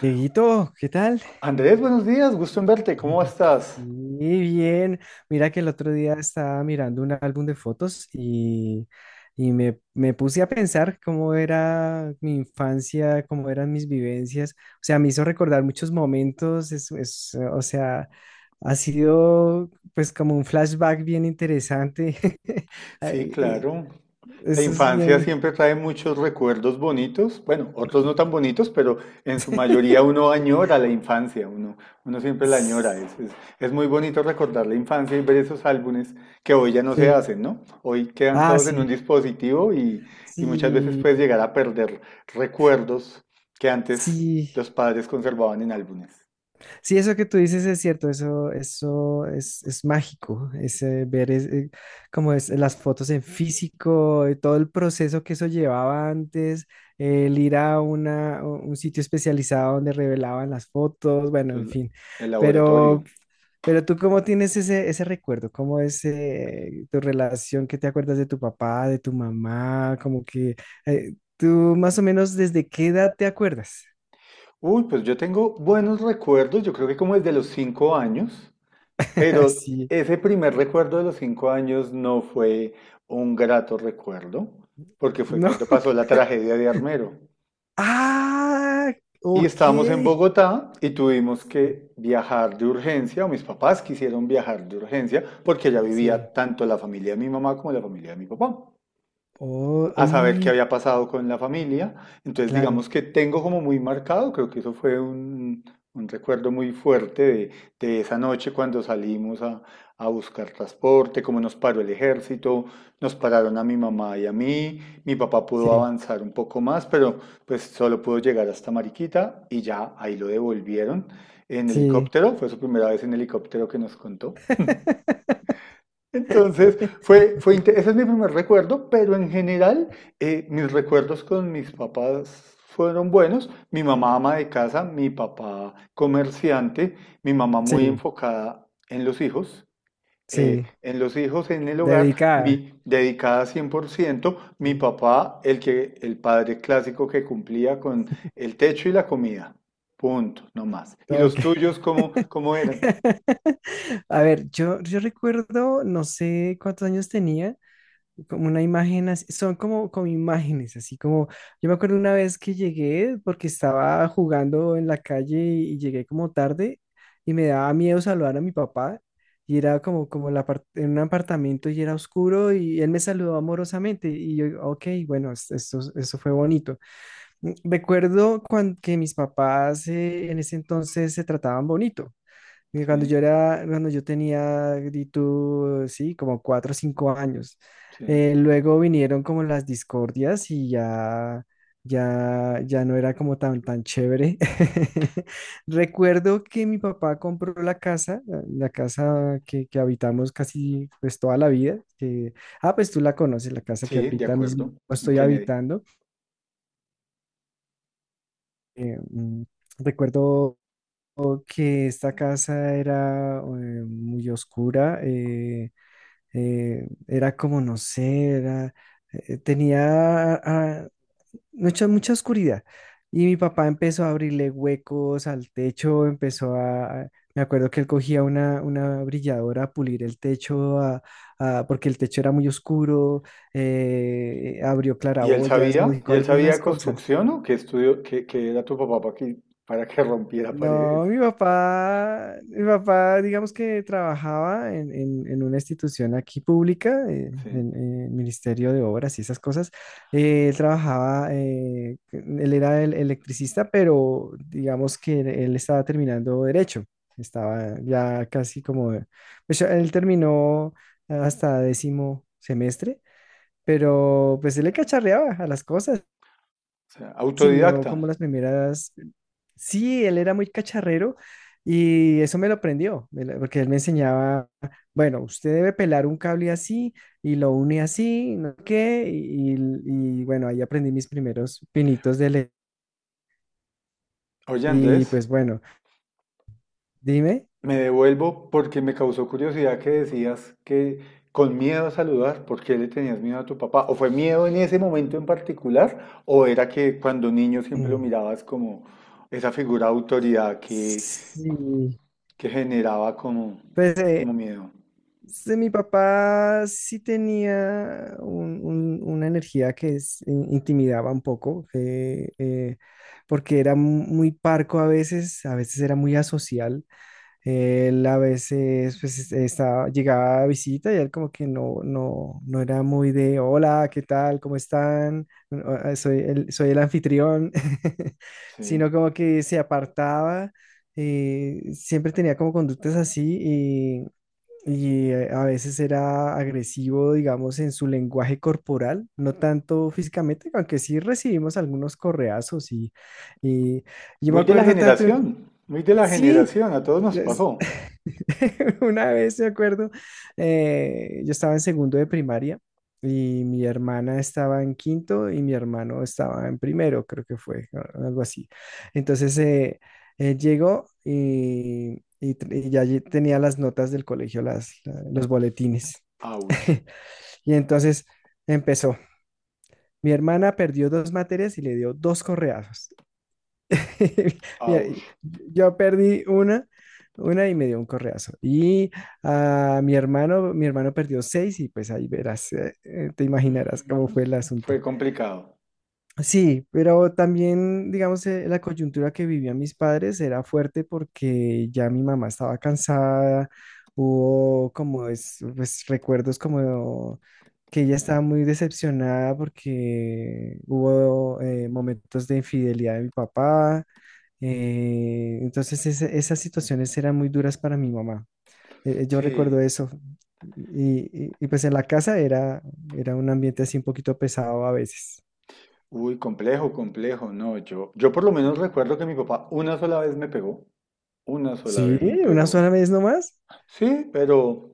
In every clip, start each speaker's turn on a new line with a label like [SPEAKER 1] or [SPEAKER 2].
[SPEAKER 1] Dieguito, ¿qué tal?
[SPEAKER 2] Andrés, buenos días, gusto en verte, ¿cómo
[SPEAKER 1] Sí,
[SPEAKER 2] estás?
[SPEAKER 1] bien. Mira que el otro día estaba mirando un álbum de fotos y me puse a pensar cómo era mi infancia, cómo eran mis vivencias. O sea, me hizo recordar muchos momentos. O sea, ha sido pues como un flashback bien interesante.
[SPEAKER 2] Sí,
[SPEAKER 1] Ay, y
[SPEAKER 2] claro. La
[SPEAKER 1] Eso es
[SPEAKER 2] infancia
[SPEAKER 1] bien.
[SPEAKER 2] siempre trae muchos recuerdos bonitos, bueno, otros no tan bonitos, pero en su mayoría uno añora la infancia, uno siempre la añora. Es muy bonito recordar la infancia y ver esos álbumes que hoy ya no se
[SPEAKER 1] Sí.
[SPEAKER 2] hacen, ¿no? Hoy quedan
[SPEAKER 1] Ah,
[SPEAKER 2] todos en un
[SPEAKER 1] sí.
[SPEAKER 2] dispositivo y muchas veces
[SPEAKER 1] Sí,
[SPEAKER 2] puedes llegar a perder recuerdos que antes
[SPEAKER 1] sí.
[SPEAKER 2] los padres conservaban en álbumes.
[SPEAKER 1] Sí, eso que tú dices es cierto, eso, eso es mágico, es como es, las fotos en físico, todo el proceso que eso llevaba antes, el ir a un sitio especializado donde revelaban las fotos, bueno, en
[SPEAKER 2] Entonces,
[SPEAKER 1] fin.
[SPEAKER 2] el laboratorio.
[SPEAKER 1] Pero, pero tú, ¿cómo tienes ese, ese recuerdo? ¿Cómo es tu relación? ¿Qué te acuerdas de tu papá, de tu mamá? Como que tú más o menos ¿desde qué edad te acuerdas?
[SPEAKER 2] Uy, pues yo tengo buenos recuerdos, yo creo que como desde los 5 años, pero
[SPEAKER 1] Así.
[SPEAKER 2] ese primer recuerdo de los 5 años no fue un grato recuerdo, porque fue
[SPEAKER 1] ¿No?
[SPEAKER 2] cuando pasó la tragedia de Armero.
[SPEAKER 1] Ah,
[SPEAKER 2] Y
[SPEAKER 1] ok.
[SPEAKER 2] estábamos en Bogotá y tuvimos que viajar de urgencia, o mis papás quisieron viajar de urgencia, porque ya vivía
[SPEAKER 1] Sí.
[SPEAKER 2] tanto la familia de mi mamá como la familia de mi papá.
[SPEAKER 1] Oh,
[SPEAKER 2] A saber qué
[SPEAKER 1] y
[SPEAKER 2] había pasado con la familia. Entonces, digamos
[SPEAKER 1] claro.
[SPEAKER 2] que tengo como muy marcado, creo que eso fue un recuerdo muy fuerte de esa noche cuando salimos a buscar transporte, cómo nos paró el ejército, nos pararon a mi mamá y a mí, mi papá pudo
[SPEAKER 1] Sí,
[SPEAKER 2] avanzar un poco más, pero pues solo pudo llegar hasta Mariquita y ya ahí lo devolvieron en
[SPEAKER 1] sí.
[SPEAKER 2] helicóptero, fue su primera vez en helicóptero que nos contó. Entonces, ese es mi primer recuerdo, pero en general, mis recuerdos con mis papás fueron buenos. Mi mamá ama de casa, mi papá comerciante, mi mamá muy
[SPEAKER 1] Sí,
[SPEAKER 2] enfocada en los hijos,
[SPEAKER 1] sí.
[SPEAKER 2] en los hijos, en el hogar,
[SPEAKER 1] Dedicada.
[SPEAKER 2] mi dedicada 100% mi
[SPEAKER 1] Sí.
[SPEAKER 2] papá, el padre clásico que cumplía con el techo y la comida. Punto, no más. ¿Y
[SPEAKER 1] Ok.
[SPEAKER 2] los tuyos cómo, cómo eran?
[SPEAKER 1] A ver, yo recuerdo, no sé cuántos años tenía. Como una imagen, así- son como, como imágenes, así como, yo me acuerdo una vez que llegué porque estaba jugando en la calle y llegué como tarde y me daba miedo saludar a mi papá y era como, como el en un apartamento y era oscuro y él me saludó amorosamente y yo, ok, bueno, esto, eso fue bonito. Mm, recuerdo cuando, que mis papás en ese entonces se trataban bonito. Que cuando
[SPEAKER 2] Sí,
[SPEAKER 1] yo era, cuando yo tenía, di tú, sí, como cuatro o cinco años.
[SPEAKER 2] sí,
[SPEAKER 1] Luego vinieron como las discordias y ya, ya no era como tan, tan chévere. Recuerdo que mi papá compró la casa, la casa que habitamos casi pues toda la vida. Que, ah, pues tú la conoces, la casa que
[SPEAKER 2] sí, de
[SPEAKER 1] ahorita
[SPEAKER 2] acuerdo.
[SPEAKER 1] mismo
[SPEAKER 2] En
[SPEAKER 1] estoy
[SPEAKER 2] Kennedy.
[SPEAKER 1] habitando. Eh, mm, recuerdo que esta casa era muy oscura, era como, no sé, era, tenía mucha, mucha oscuridad. Y mi papá empezó a abrirle huecos al techo, me acuerdo que él cogía una brilladora a pulir el techo, porque el techo era muy oscuro, abrió
[SPEAKER 2] ¿Y él
[SPEAKER 1] claraboyas,
[SPEAKER 2] sabía?
[SPEAKER 1] modificó
[SPEAKER 2] ¿
[SPEAKER 1] algunas cosas.
[SPEAKER 2] construcción o qué estudió, qué, qué era tu papá para que rompiera paredes?
[SPEAKER 1] No, mi papá, digamos que trabajaba en una institución aquí pública,
[SPEAKER 2] Sí.
[SPEAKER 1] en el Ministerio de Obras y esas cosas. Él trabajaba, él era el electricista, pero digamos que él estaba terminando derecho. Estaba ya casi como, pues ya él terminó hasta décimo semestre, pero pues él le cacharreaba a las cosas,
[SPEAKER 2] O sea,
[SPEAKER 1] enseñó
[SPEAKER 2] autodidacta.
[SPEAKER 1] como las primeras. Sí, él era muy cacharrero y eso me lo aprendió, porque él me enseñaba, bueno, usted debe pelar un cable así y lo une así, no sé qué, y bueno, ahí aprendí mis primeros pinitos de
[SPEAKER 2] Oye,
[SPEAKER 1] Y
[SPEAKER 2] Andrés,
[SPEAKER 1] pues bueno, dime.
[SPEAKER 2] me devuelvo porque me causó curiosidad que decías que con miedo a saludar, ¿por qué le tenías miedo a tu papá? ¿O fue miedo en ese momento en particular? ¿O era que cuando niño siempre lo
[SPEAKER 1] Mm.
[SPEAKER 2] mirabas como esa figura de autoridad
[SPEAKER 1] Sí,
[SPEAKER 2] que generaba como,
[SPEAKER 1] pues
[SPEAKER 2] como miedo?
[SPEAKER 1] sí, mi papá sí tenía una energía que intimidaba un poco, porque era muy parco a veces era muy asocial. Él a veces pues, estaba, llegaba a visita y él como que no, no, no era muy de, hola, ¿qué tal? ¿Cómo están? Bueno, ah, ah, soy el, soy el anfitrión,
[SPEAKER 2] Sí.
[SPEAKER 1] sino como que se apartaba. Siempre tenía como conductas así y a veces era agresivo, digamos, en su lenguaje corporal, no tanto físicamente, aunque sí recibimos algunos correazos y yo me
[SPEAKER 2] Muy de la
[SPEAKER 1] acuerdo tanto,
[SPEAKER 2] generación, muy de la
[SPEAKER 1] sí,
[SPEAKER 2] generación, a todos nos pasó.
[SPEAKER 1] una vez, me acuerdo, yo estaba en segundo de primaria y mi hermana estaba en quinto y mi hermano estaba en primero, creo que fue, algo así. Entonces, él llegó y ya allí tenía las notas del colegio, los boletines.
[SPEAKER 2] Ouch,
[SPEAKER 1] Y entonces empezó. Mi hermana perdió dos materias y le dio dos correazos. Mira,
[SPEAKER 2] ouch,
[SPEAKER 1] yo perdí una y me dio un correazo. Y a mi hermano perdió seis y pues ahí verás, te imaginarás cómo fue el
[SPEAKER 2] fue
[SPEAKER 1] asunto.
[SPEAKER 2] complicado.
[SPEAKER 1] Sí, pero también, digamos, la coyuntura que vivían mis padres era fuerte porque ya mi mamá estaba cansada, hubo pues, recuerdos como que ella estaba muy decepcionada porque hubo momentos de infidelidad de mi papá, entonces esas situaciones eran muy duras para mi mamá. Yo
[SPEAKER 2] Sí.
[SPEAKER 1] recuerdo eso. Y pues en la casa era, era un ambiente así un poquito pesado a veces.
[SPEAKER 2] Uy, complejo, complejo. No, yo por lo menos recuerdo que mi papá una sola vez me pegó. Una sola
[SPEAKER 1] Sí,
[SPEAKER 2] vez me
[SPEAKER 1] una
[SPEAKER 2] pegó.
[SPEAKER 1] sola vez nomás.
[SPEAKER 2] Sí, pero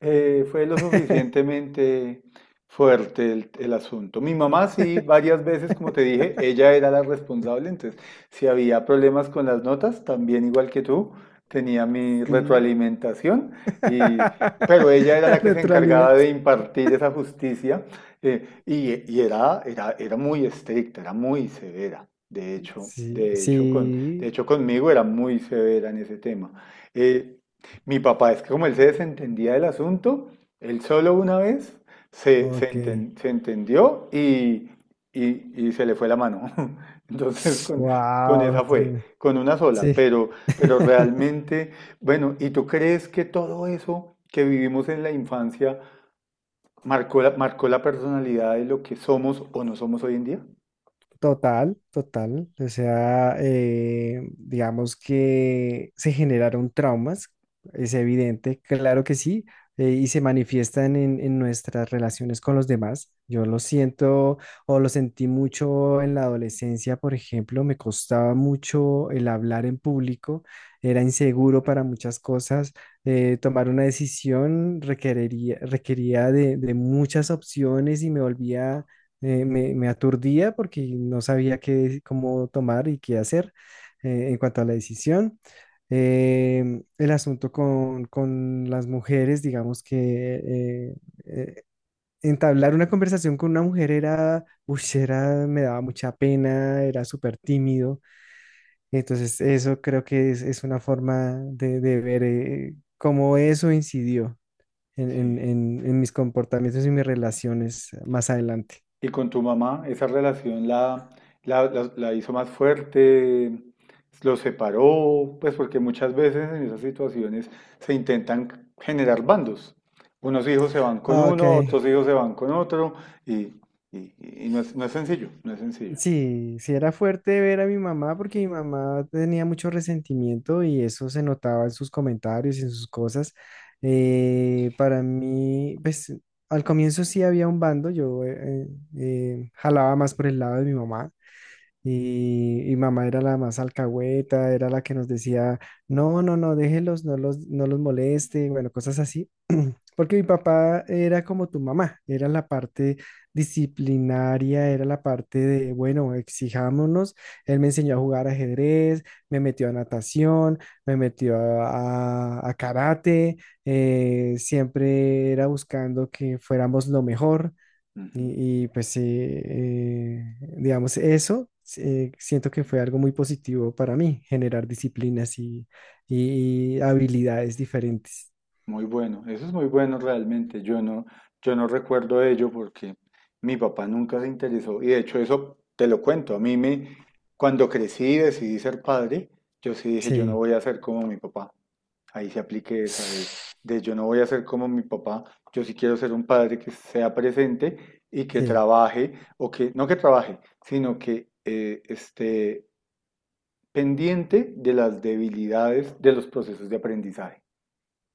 [SPEAKER 2] Fue lo suficientemente fuerte el asunto. Mi mamá sí, varias veces, como te dije, ella era la responsable, entonces si había problemas con las notas, también igual que tú, tenía mi
[SPEAKER 1] Sí.
[SPEAKER 2] retroalimentación, y, pero ella era la que se encargaba
[SPEAKER 1] Retroalimento.
[SPEAKER 2] de impartir esa justicia, y era, era muy estricta, era muy severa.
[SPEAKER 1] Sí,
[SPEAKER 2] De
[SPEAKER 1] sí.
[SPEAKER 2] hecho conmigo era muy severa en ese tema. Eh, Mi papá, es que como él se desentendía del asunto, él solo una vez
[SPEAKER 1] Ok.
[SPEAKER 2] se entendió y se le fue la mano. Entonces, con, con
[SPEAKER 1] Wow,
[SPEAKER 2] esa fue,
[SPEAKER 1] tremendo.
[SPEAKER 2] con una sola,
[SPEAKER 1] Sí.
[SPEAKER 2] pero realmente, bueno, ¿y tú crees que todo eso que vivimos en la infancia marcó la personalidad de lo que somos o no somos hoy en día?
[SPEAKER 1] Total, total. O sea, digamos que se generaron traumas, es evidente, claro que sí, y se manifiestan en nuestras relaciones con los demás. Yo lo siento o lo sentí mucho en la adolescencia, por ejemplo, me costaba mucho el hablar en público, era inseguro para muchas cosas. Tomar una decisión requería de muchas opciones y me volvía me aturdía porque no sabía qué, cómo tomar y qué hacer en cuanto a la decisión. El asunto con las mujeres, digamos que eh, eh, entablar una conversación con una mujer era, uy, era, me daba mucha pena, era súper tímido. Entonces, eso creo que es una forma de ver cómo eso incidió
[SPEAKER 2] Sí.
[SPEAKER 1] en mis comportamientos y mis relaciones más adelante.
[SPEAKER 2] Y con tu mamá, ¿esa relación la hizo más fuerte? ¿Los separó? Pues porque muchas veces en esas situaciones se intentan generar bandos. Unos hijos se van con
[SPEAKER 1] Ah, ok.
[SPEAKER 2] uno, otros hijos se van con otro, y, y- y no es, no es sencillo, no es sencillo.
[SPEAKER 1] Sí, sí era fuerte ver a mi mamá porque mi mamá tenía mucho resentimiento y eso se notaba en sus comentarios y en sus cosas. Para mí, pues al comienzo sí había un bando, yo jalaba más por el lado de mi mamá y mamá era la más alcahueta, era la que nos decía, no, no, no, déjelos, no los moleste, bueno, cosas así. Porque mi papá era como tu mamá, era la parte disciplinaria, era la parte de, bueno, exijámonos. Él me enseñó a jugar ajedrez, me metió a natación, me metió a karate, siempre era buscando que fuéramos lo mejor.
[SPEAKER 2] Ujú.
[SPEAKER 1] Pues, digamos, eso siento que fue algo muy positivo para mí, generar disciplinas y habilidades diferentes.
[SPEAKER 2] Muy bueno, eso es muy bueno realmente. Yo no recuerdo ello porque mi papá nunca se interesó. Y de hecho, eso te lo cuento. Cuando crecí y decidí ser padre, yo sí dije, yo no
[SPEAKER 1] Sí.
[SPEAKER 2] voy a ser como mi papá. Ahí se aplique esa de yo no voy a ser como mi papá. Yo sí quiero ser un padre que sea presente y que
[SPEAKER 1] Sí,
[SPEAKER 2] trabaje, o que, no que trabaje, sino que esté pendiente de las debilidades de los procesos de aprendizaje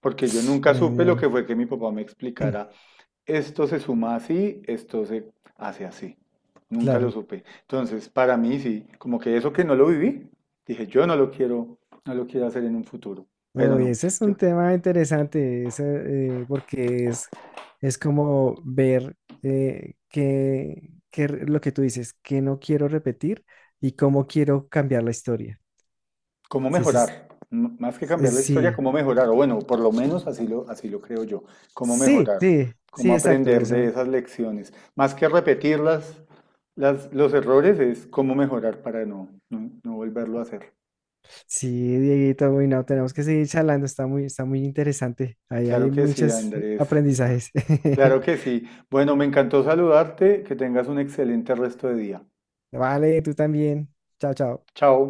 [SPEAKER 2] porque yo nunca supe lo
[SPEAKER 1] genial.
[SPEAKER 2] que fue que mi papá me explicara, esto se suma así, esto se hace así. Nunca lo
[SPEAKER 1] Claro.
[SPEAKER 2] supe. Entonces, para mí sí, como que eso que no lo viví, dije, yo no lo quiero, no lo quiero hacer en un futuro, pero
[SPEAKER 1] Uy,
[SPEAKER 2] no.
[SPEAKER 1] ese es un
[SPEAKER 2] Yo,
[SPEAKER 1] tema interesante, ese, porque es como ver qué, lo que tú dices, que no quiero repetir y cómo quiero cambiar la historia.
[SPEAKER 2] ¿cómo
[SPEAKER 1] Sí,
[SPEAKER 2] mejorar? M- Más que cambiar la historia,
[SPEAKER 1] sí,
[SPEAKER 2] ¿cómo mejorar? O bueno, por lo menos así lo creo yo. ¿Cómo
[SPEAKER 1] sí,
[SPEAKER 2] mejorar?
[SPEAKER 1] sí, sí,
[SPEAKER 2] ¿Cómo
[SPEAKER 1] exacto,
[SPEAKER 2] aprender de
[SPEAKER 1] eso.
[SPEAKER 2] esas lecciones? Más que repetir los errores es cómo mejorar para no volverlo a hacer.
[SPEAKER 1] Sí, Dieguito, uy, no, tenemos que seguir charlando, está muy interesante. Ahí
[SPEAKER 2] Claro
[SPEAKER 1] hay
[SPEAKER 2] que sí,
[SPEAKER 1] muchos
[SPEAKER 2] Andrés, está.
[SPEAKER 1] aprendizajes.
[SPEAKER 2] Claro que sí. Bueno, me encantó saludarte, que tengas un excelente resto de día.
[SPEAKER 1] Vale, tú también. Chao, chao.
[SPEAKER 2] Chao.